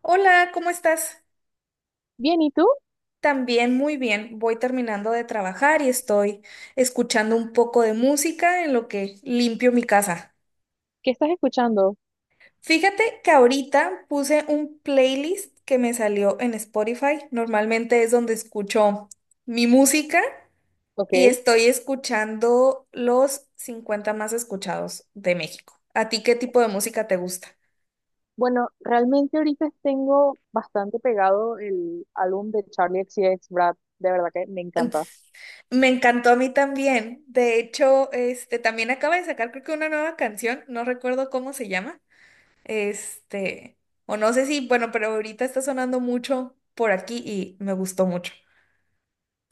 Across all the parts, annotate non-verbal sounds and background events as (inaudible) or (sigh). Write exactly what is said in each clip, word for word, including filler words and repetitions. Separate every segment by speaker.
Speaker 1: Hola, ¿cómo estás?
Speaker 2: Bien, ¿y tú?
Speaker 1: También muy bien. Voy terminando de trabajar y estoy escuchando un poco de música en lo que limpio mi casa.
Speaker 2: ¿Qué estás escuchando?
Speaker 1: Fíjate que ahorita puse un playlist que me salió en Spotify. Normalmente es donde escucho mi música
Speaker 2: Ok.
Speaker 1: y estoy escuchando los cincuenta más escuchados de México. ¿A ti qué tipo de música te gusta?
Speaker 2: Bueno, realmente ahorita tengo bastante pegado el álbum de Charlie X XCX Brad. De verdad que me encanta.
Speaker 1: Me encantó a mí también. De hecho, este también acaba de sacar creo que una nueva canción, no recuerdo cómo se llama. Este, o no sé si, bueno, pero ahorita está sonando mucho por aquí y me gustó mucho.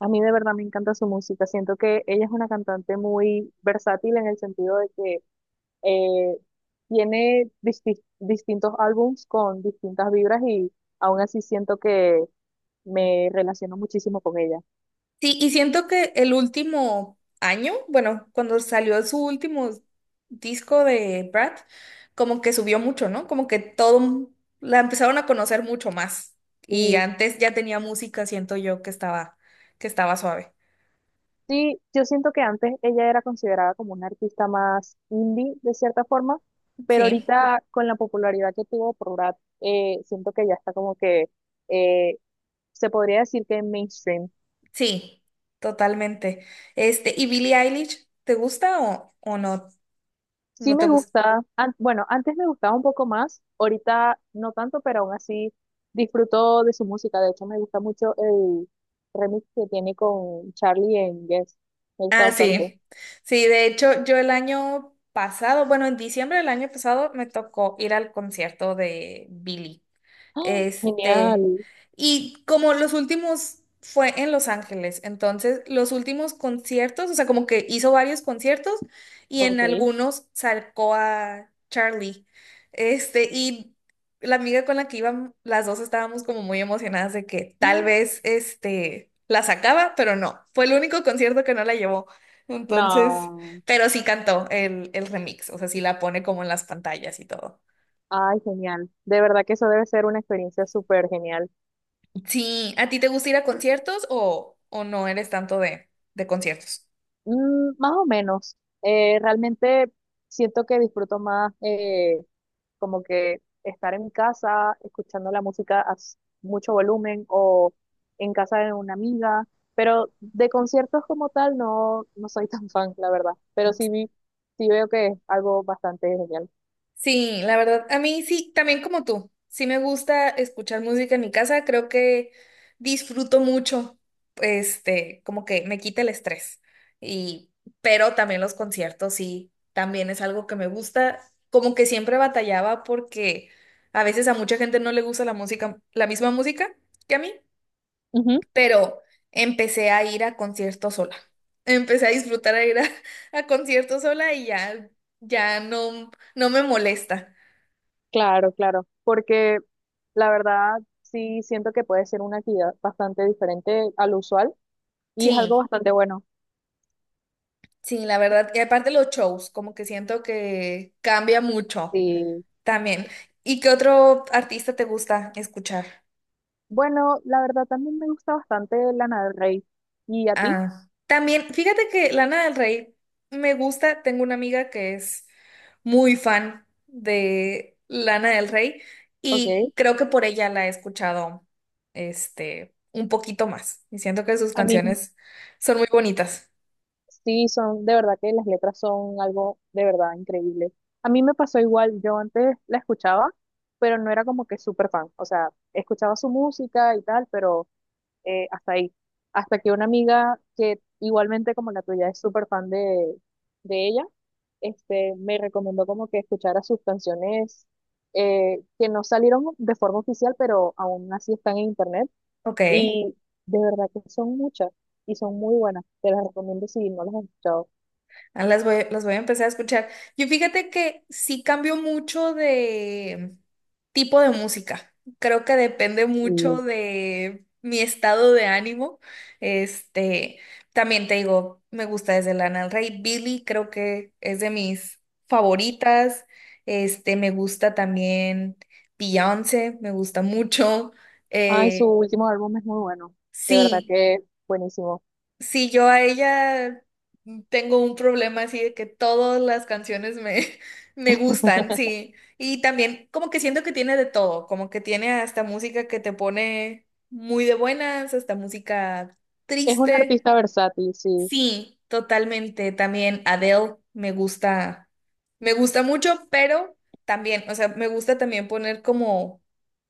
Speaker 2: A mí de verdad me encanta su música. Siento que ella es una cantante muy versátil en el sentido de que eh, tiene disti- distintos álbums con distintas vibras y aún así siento que me relaciono muchísimo con ella.
Speaker 1: Sí, y siento que el último año, bueno, cuando salió su último disco de Brad, como que subió mucho, ¿no? Como que todo la empezaron a conocer mucho más. Y
Speaker 2: Sí.
Speaker 1: antes ya tenía música, siento yo, que estaba que estaba suave.
Speaker 2: Sí, yo siento que antes ella era considerada como una artista más indie, de cierta forma, pero
Speaker 1: Sí.
Speaker 2: ahorita con la popularidad que tuvo por Brat, eh, siento que ya está como que eh, se podría decir que mainstream.
Speaker 1: Sí, totalmente. Este, ¿y Billie Eilish te gusta o, o no?
Speaker 2: Sí
Speaker 1: ¿No te
Speaker 2: me
Speaker 1: gusta?
Speaker 2: gusta, an- bueno, antes me gustaba un poco más, ahorita no tanto, pero aún así disfruto de su música. De hecho, me gusta mucho el remix que tiene con Charlie en Guess. Me gusta
Speaker 1: Ah,
Speaker 2: bastante.
Speaker 1: sí. Sí, de hecho, yo el año pasado, bueno, en diciembre del año pasado me tocó ir al concierto de Billie.
Speaker 2: ¡Ah!
Speaker 1: Este,
Speaker 2: Genial.
Speaker 1: y como los últimos fue en Los Ángeles, entonces los últimos conciertos, o sea, como que hizo varios conciertos y en
Speaker 2: Ok.
Speaker 1: algunos sacó a Charlie. Este, y la amiga con la que iban, las dos estábamos como muy emocionadas de que tal
Speaker 2: ¡Ah!
Speaker 1: vez este la sacaba, pero no, fue el único concierto que no la llevó. Entonces,
Speaker 2: No.
Speaker 1: pero sí cantó el, el remix, o sea, sí la pone como en las pantallas y todo.
Speaker 2: Ay, genial. De verdad que eso debe ser una experiencia súper genial.
Speaker 1: Sí, ¿a ti te gusta ir a conciertos o, o no eres tanto de, de conciertos?
Speaker 2: Mm, más o menos. Eh, realmente siento que disfruto más eh, como que estar en mi casa escuchando la música a s- mucho volumen o en casa de una amiga. Pero de conciertos como tal no, no soy tan (laughs) fan, la verdad. Pero sí, vi- sí veo que es algo bastante genial.
Speaker 1: Sí, la verdad, a mí sí, también como tú. Sí me gusta escuchar música en mi casa, creo que disfruto mucho, este, como que me quita el estrés. Y, pero también los conciertos sí, también es algo que me gusta. Como que siempre batallaba porque a veces a mucha gente no le gusta la música, la misma música que a mí.
Speaker 2: Ujú.
Speaker 1: pero empecé a ir a conciertos sola. Empecé a disfrutar a ir a, (laughs) a conciertos sola y ya, ya no, no me molesta.
Speaker 2: Claro, claro, porque la verdad sí siento que puede ser una actividad bastante diferente al usual. Y es algo
Speaker 1: Sí,
Speaker 2: bastante bueno.
Speaker 1: sí, la verdad. Y aparte los shows, como que siento que cambia mucho
Speaker 2: Sí.
Speaker 1: también. ¿Y qué otro artista te gusta escuchar?
Speaker 2: Bueno, la verdad también me gusta bastante Lana del Rey. ¿Y a ti?
Speaker 1: Ah, también, fíjate que Lana del Rey me gusta, tengo una amiga que es muy fan de Lana del Rey
Speaker 2: Ok.
Speaker 1: y creo que por ella la he escuchado este un poquito más y siento que sus
Speaker 2: A mí
Speaker 1: canciones son muy bonitas.
Speaker 2: sí son, de verdad que las letras son algo de verdad increíble. A mí me pasó igual, yo antes la escuchaba, pero no era como que súper fan. O sea, escuchaba su música y tal, pero eh, hasta ahí. Hasta que una amiga que igualmente como la tuya es súper fan de, de ella, este, me recomendó como que escuchara sus canciones eh, que no salieron de forma oficial, pero aún así están en internet.
Speaker 1: Ok.
Speaker 2: Y de verdad que son muchas y son muy buenas. Te las recomiendo si no las has escuchado.
Speaker 1: Ah, Las voy, las voy a empezar a escuchar. Yo fíjate que sí cambio mucho de tipo de música. Creo que depende mucho
Speaker 2: Sí.
Speaker 1: de mi estado de ánimo. Este, también te digo, me gusta desde Lana del Rey. Billie creo que es de mis favoritas. Este, me gusta también Beyoncé, me gusta mucho.
Speaker 2: Ay, su
Speaker 1: Eh,
Speaker 2: último álbum es muy bueno. De verdad
Speaker 1: sí.
Speaker 2: que buenísimo.
Speaker 1: Sí, yo a ella tengo un problema así de que todas las canciones me, (laughs) me gustan, sí. Y también como que siento que tiene de todo, como que tiene hasta música que te pone muy de buenas, hasta música
Speaker 2: Es un
Speaker 1: triste.
Speaker 2: artista versátil, sí.
Speaker 1: Sí, totalmente. También Adele me gusta, me gusta mucho, pero también, o sea, me gusta también poner como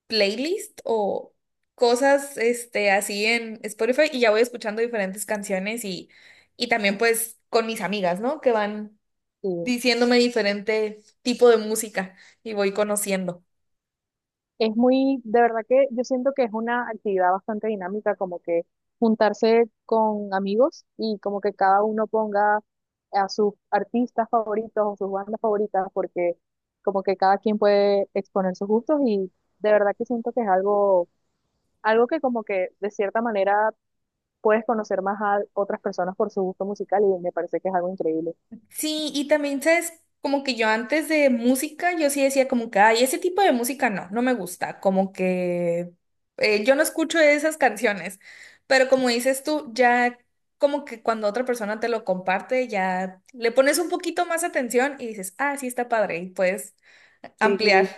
Speaker 1: playlist o cosas este, así en Spotify y ya voy escuchando diferentes canciones y, y también pues con mis amigas, ¿no? Que van
Speaker 2: Sí.
Speaker 1: diciéndome diferente tipo de música y voy conociendo.
Speaker 2: Es muy, de verdad que yo siento que es una actividad bastante dinámica, como que juntarse con amigos y como que cada uno ponga a sus artistas favoritos o sus bandas favoritas, porque como que cada quien puede exponer sus gustos y de verdad que siento que es algo, algo que como que de cierta manera puedes conocer más a otras personas por su gusto musical y me parece que es algo increíble.
Speaker 1: Sí, y también, ¿sabes? Como que yo antes de música, yo sí decía como que, ay, ese tipo de música no, no me gusta, como que eh, yo no escucho esas canciones, pero como dices tú, ya como que cuando otra persona te lo comparte, ya le pones un poquito más atención y dices, ah, sí está padre, y puedes ampliar
Speaker 2: Sí,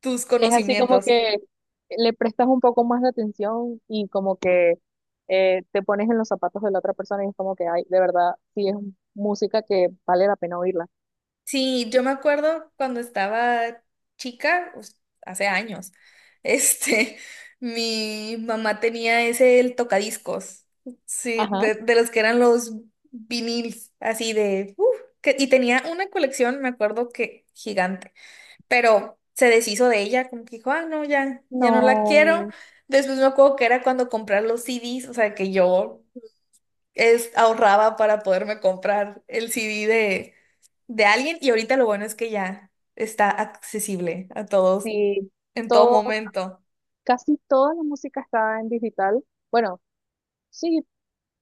Speaker 1: tus
Speaker 2: es así como
Speaker 1: conocimientos.
Speaker 2: que le prestas un poco más de atención y como que eh, te pones en los zapatos de la otra persona y es como que, ay, de verdad, sí es música que vale la pena oírla.
Speaker 1: Sí, yo me acuerdo cuando estaba chica, us- hace años, este, (laughs) mi mamá tenía ese el tocadiscos, sí,
Speaker 2: Ajá.
Speaker 1: de, de los que eran los viniles, así de, uf, que- y tenía una colección, me acuerdo que gigante, pero se deshizo de ella, como que dijo, ah, no, ya, ya no la quiero.
Speaker 2: No,
Speaker 1: Después me acuerdo que era cuando comprar los C Ds, o sea, que yo es, ahorraba para poderme comprar el C D de alguien y ahorita lo bueno es que ya está accesible a todos
Speaker 2: sí,
Speaker 1: en todo
Speaker 2: todo,
Speaker 1: momento.
Speaker 2: casi toda la música está en digital. Bueno, sí,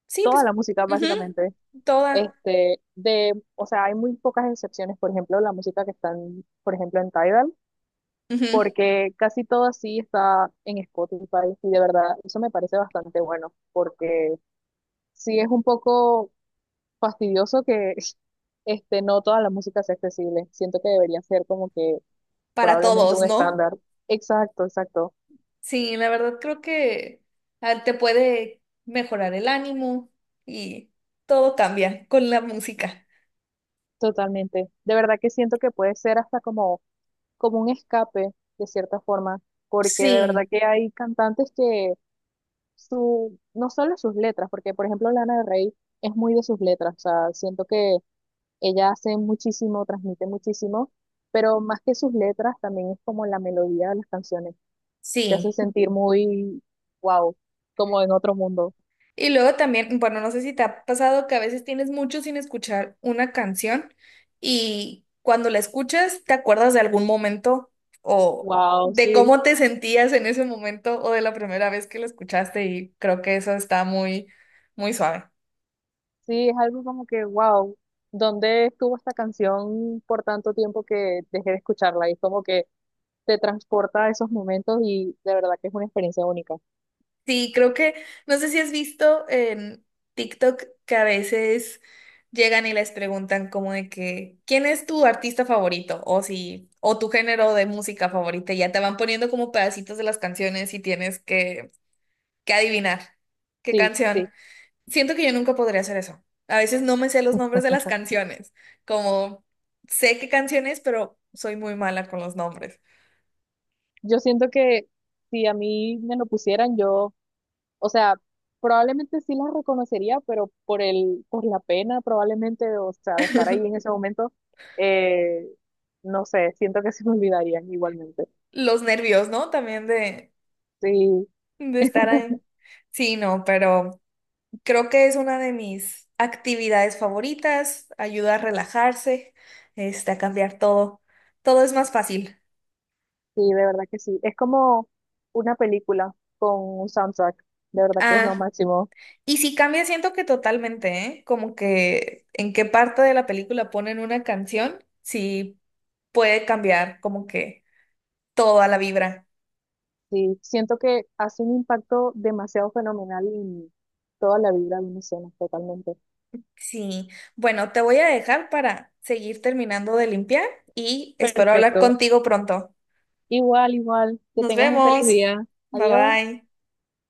Speaker 1: Sí,
Speaker 2: toda
Speaker 1: pues,
Speaker 2: la música
Speaker 1: ujú,
Speaker 2: básicamente.
Speaker 1: toda,
Speaker 2: Este, de, o sea, hay muy pocas excepciones, por ejemplo, la música que está en, por ejemplo, en Tidal.
Speaker 1: ujú,
Speaker 2: Porque casi todo sí está en Spotify y de verdad eso me parece bastante bueno, porque sí es un poco fastidioso que (laughs) este, no toda la música sea accesible. Siento que debería ser como que
Speaker 1: para
Speaker 2: probablemente
Speaker 1: todos,
Speaker 2: un
Speaker 1: ¿no?
Speaker 2: estándar. Exacto, exacto,
Speaker 1: Sí, la verdad creo que ah, te puede mejorar el ánimo y todo cambia con la música.
Speaker 2: totalmente. De verdad que siento que puede ser hasta como, como un escape, de cierta forma, porque de verdad
Speaker 1: Sí,
Speaker 2: que hay cantantes que su, no solo sus letras, porque por ejemplo Lana del Rey es muy de sus letras, o sea, siento que ella hace muchísimo, transmite muchísimo, pero más que sus letras, también es como la melodía de las canciones. Te hace
Speaker 1: sí.
Speaker 2: sentir muy, wow, como en otro mundo.
Speaker 1: Y luego también, bueno, no sé si te ha pasado que a veces tienes mucho sin escuchar una canción y cuando la escuchas te acuerdas de algún momento o
Speaker 2: Wow,
Speaker 1: de
Speaker 2: sí,
Speaker 1: cómo te sentías en ese momento o de la primera vez que la escuchaste y creo que eso está muy, muy suave.
Speaker 2: sí, es algo como que, wow, ¿dónde estuvo esta canción por tanto tiempo que dejé de escucharla? Y es como que te transporta a esos momentos y de verdad que es una experiencia única.
Speaker 1: Sí, creo que, no sé si has visto en TikTok que a veces llegan y les preguntan como de que, ¿quién es tu artista favorito? O si, o tu género de música favorita, y ya te van poniendo como pedacitos de las canciones y tienes que, que adivinar qué
Speaker 2: Sí, sí.
Speaker 1: canción. Siento que yo nunca podría hacer eso. A veces no me sé los nombres de las canciones, como sé qué canciones, pero soy muy mala con los nombres.
Speaker 2: Yo siento que si a mí me lo pusieran, yo, o sea, probablemente sí las reconocería, pero por el, por la pena probablemente, o sea, de estar ahí en
Speaker 1: (laughs)
Speaker 2: ese momento, eh, no sé, siento que se me olvidarían igualmente.
Speaker 1: Los nervios, ¿no? También de,
Speaker 2: Sí,
Speaker 1: de estar ahí. Sí, no, pero creo que es una de mis actividades favoritas, ayuda a relajarse, este, a cambiar todo. Todo es más fácil.
Speaker 2: sí, de verdad que sí. Es como una película con un soundtrack, de verdad que es lo
Speaker 1: Ah,
Speaker 2: máximo.
Speaker 1: y si cambia, siento que totalmente, ¿eh? Como que en qué parte de la película ponen una canción, sí puede cambiar como que toda la vibra.
Speaker 2: Sí, siento que hace un impacto demasiado fenomenal en toda la vida de una escena, totalmente.
Speaker 1: Sí, bueno, te voy a dejar para seguir terminando de limpiar y espero hablar
Speaker 2: Perfecto.
Speaker 1: contigo pronto.
Speaker 2: Igual, igual, que
Speaker 1: Nos
Speaker 2: tengas un feliz
Speaker 1: vemos.
Speaker 2: día.
Speaker 1: Bye
Speaker 2: Adiós.
Speaker 1: bye.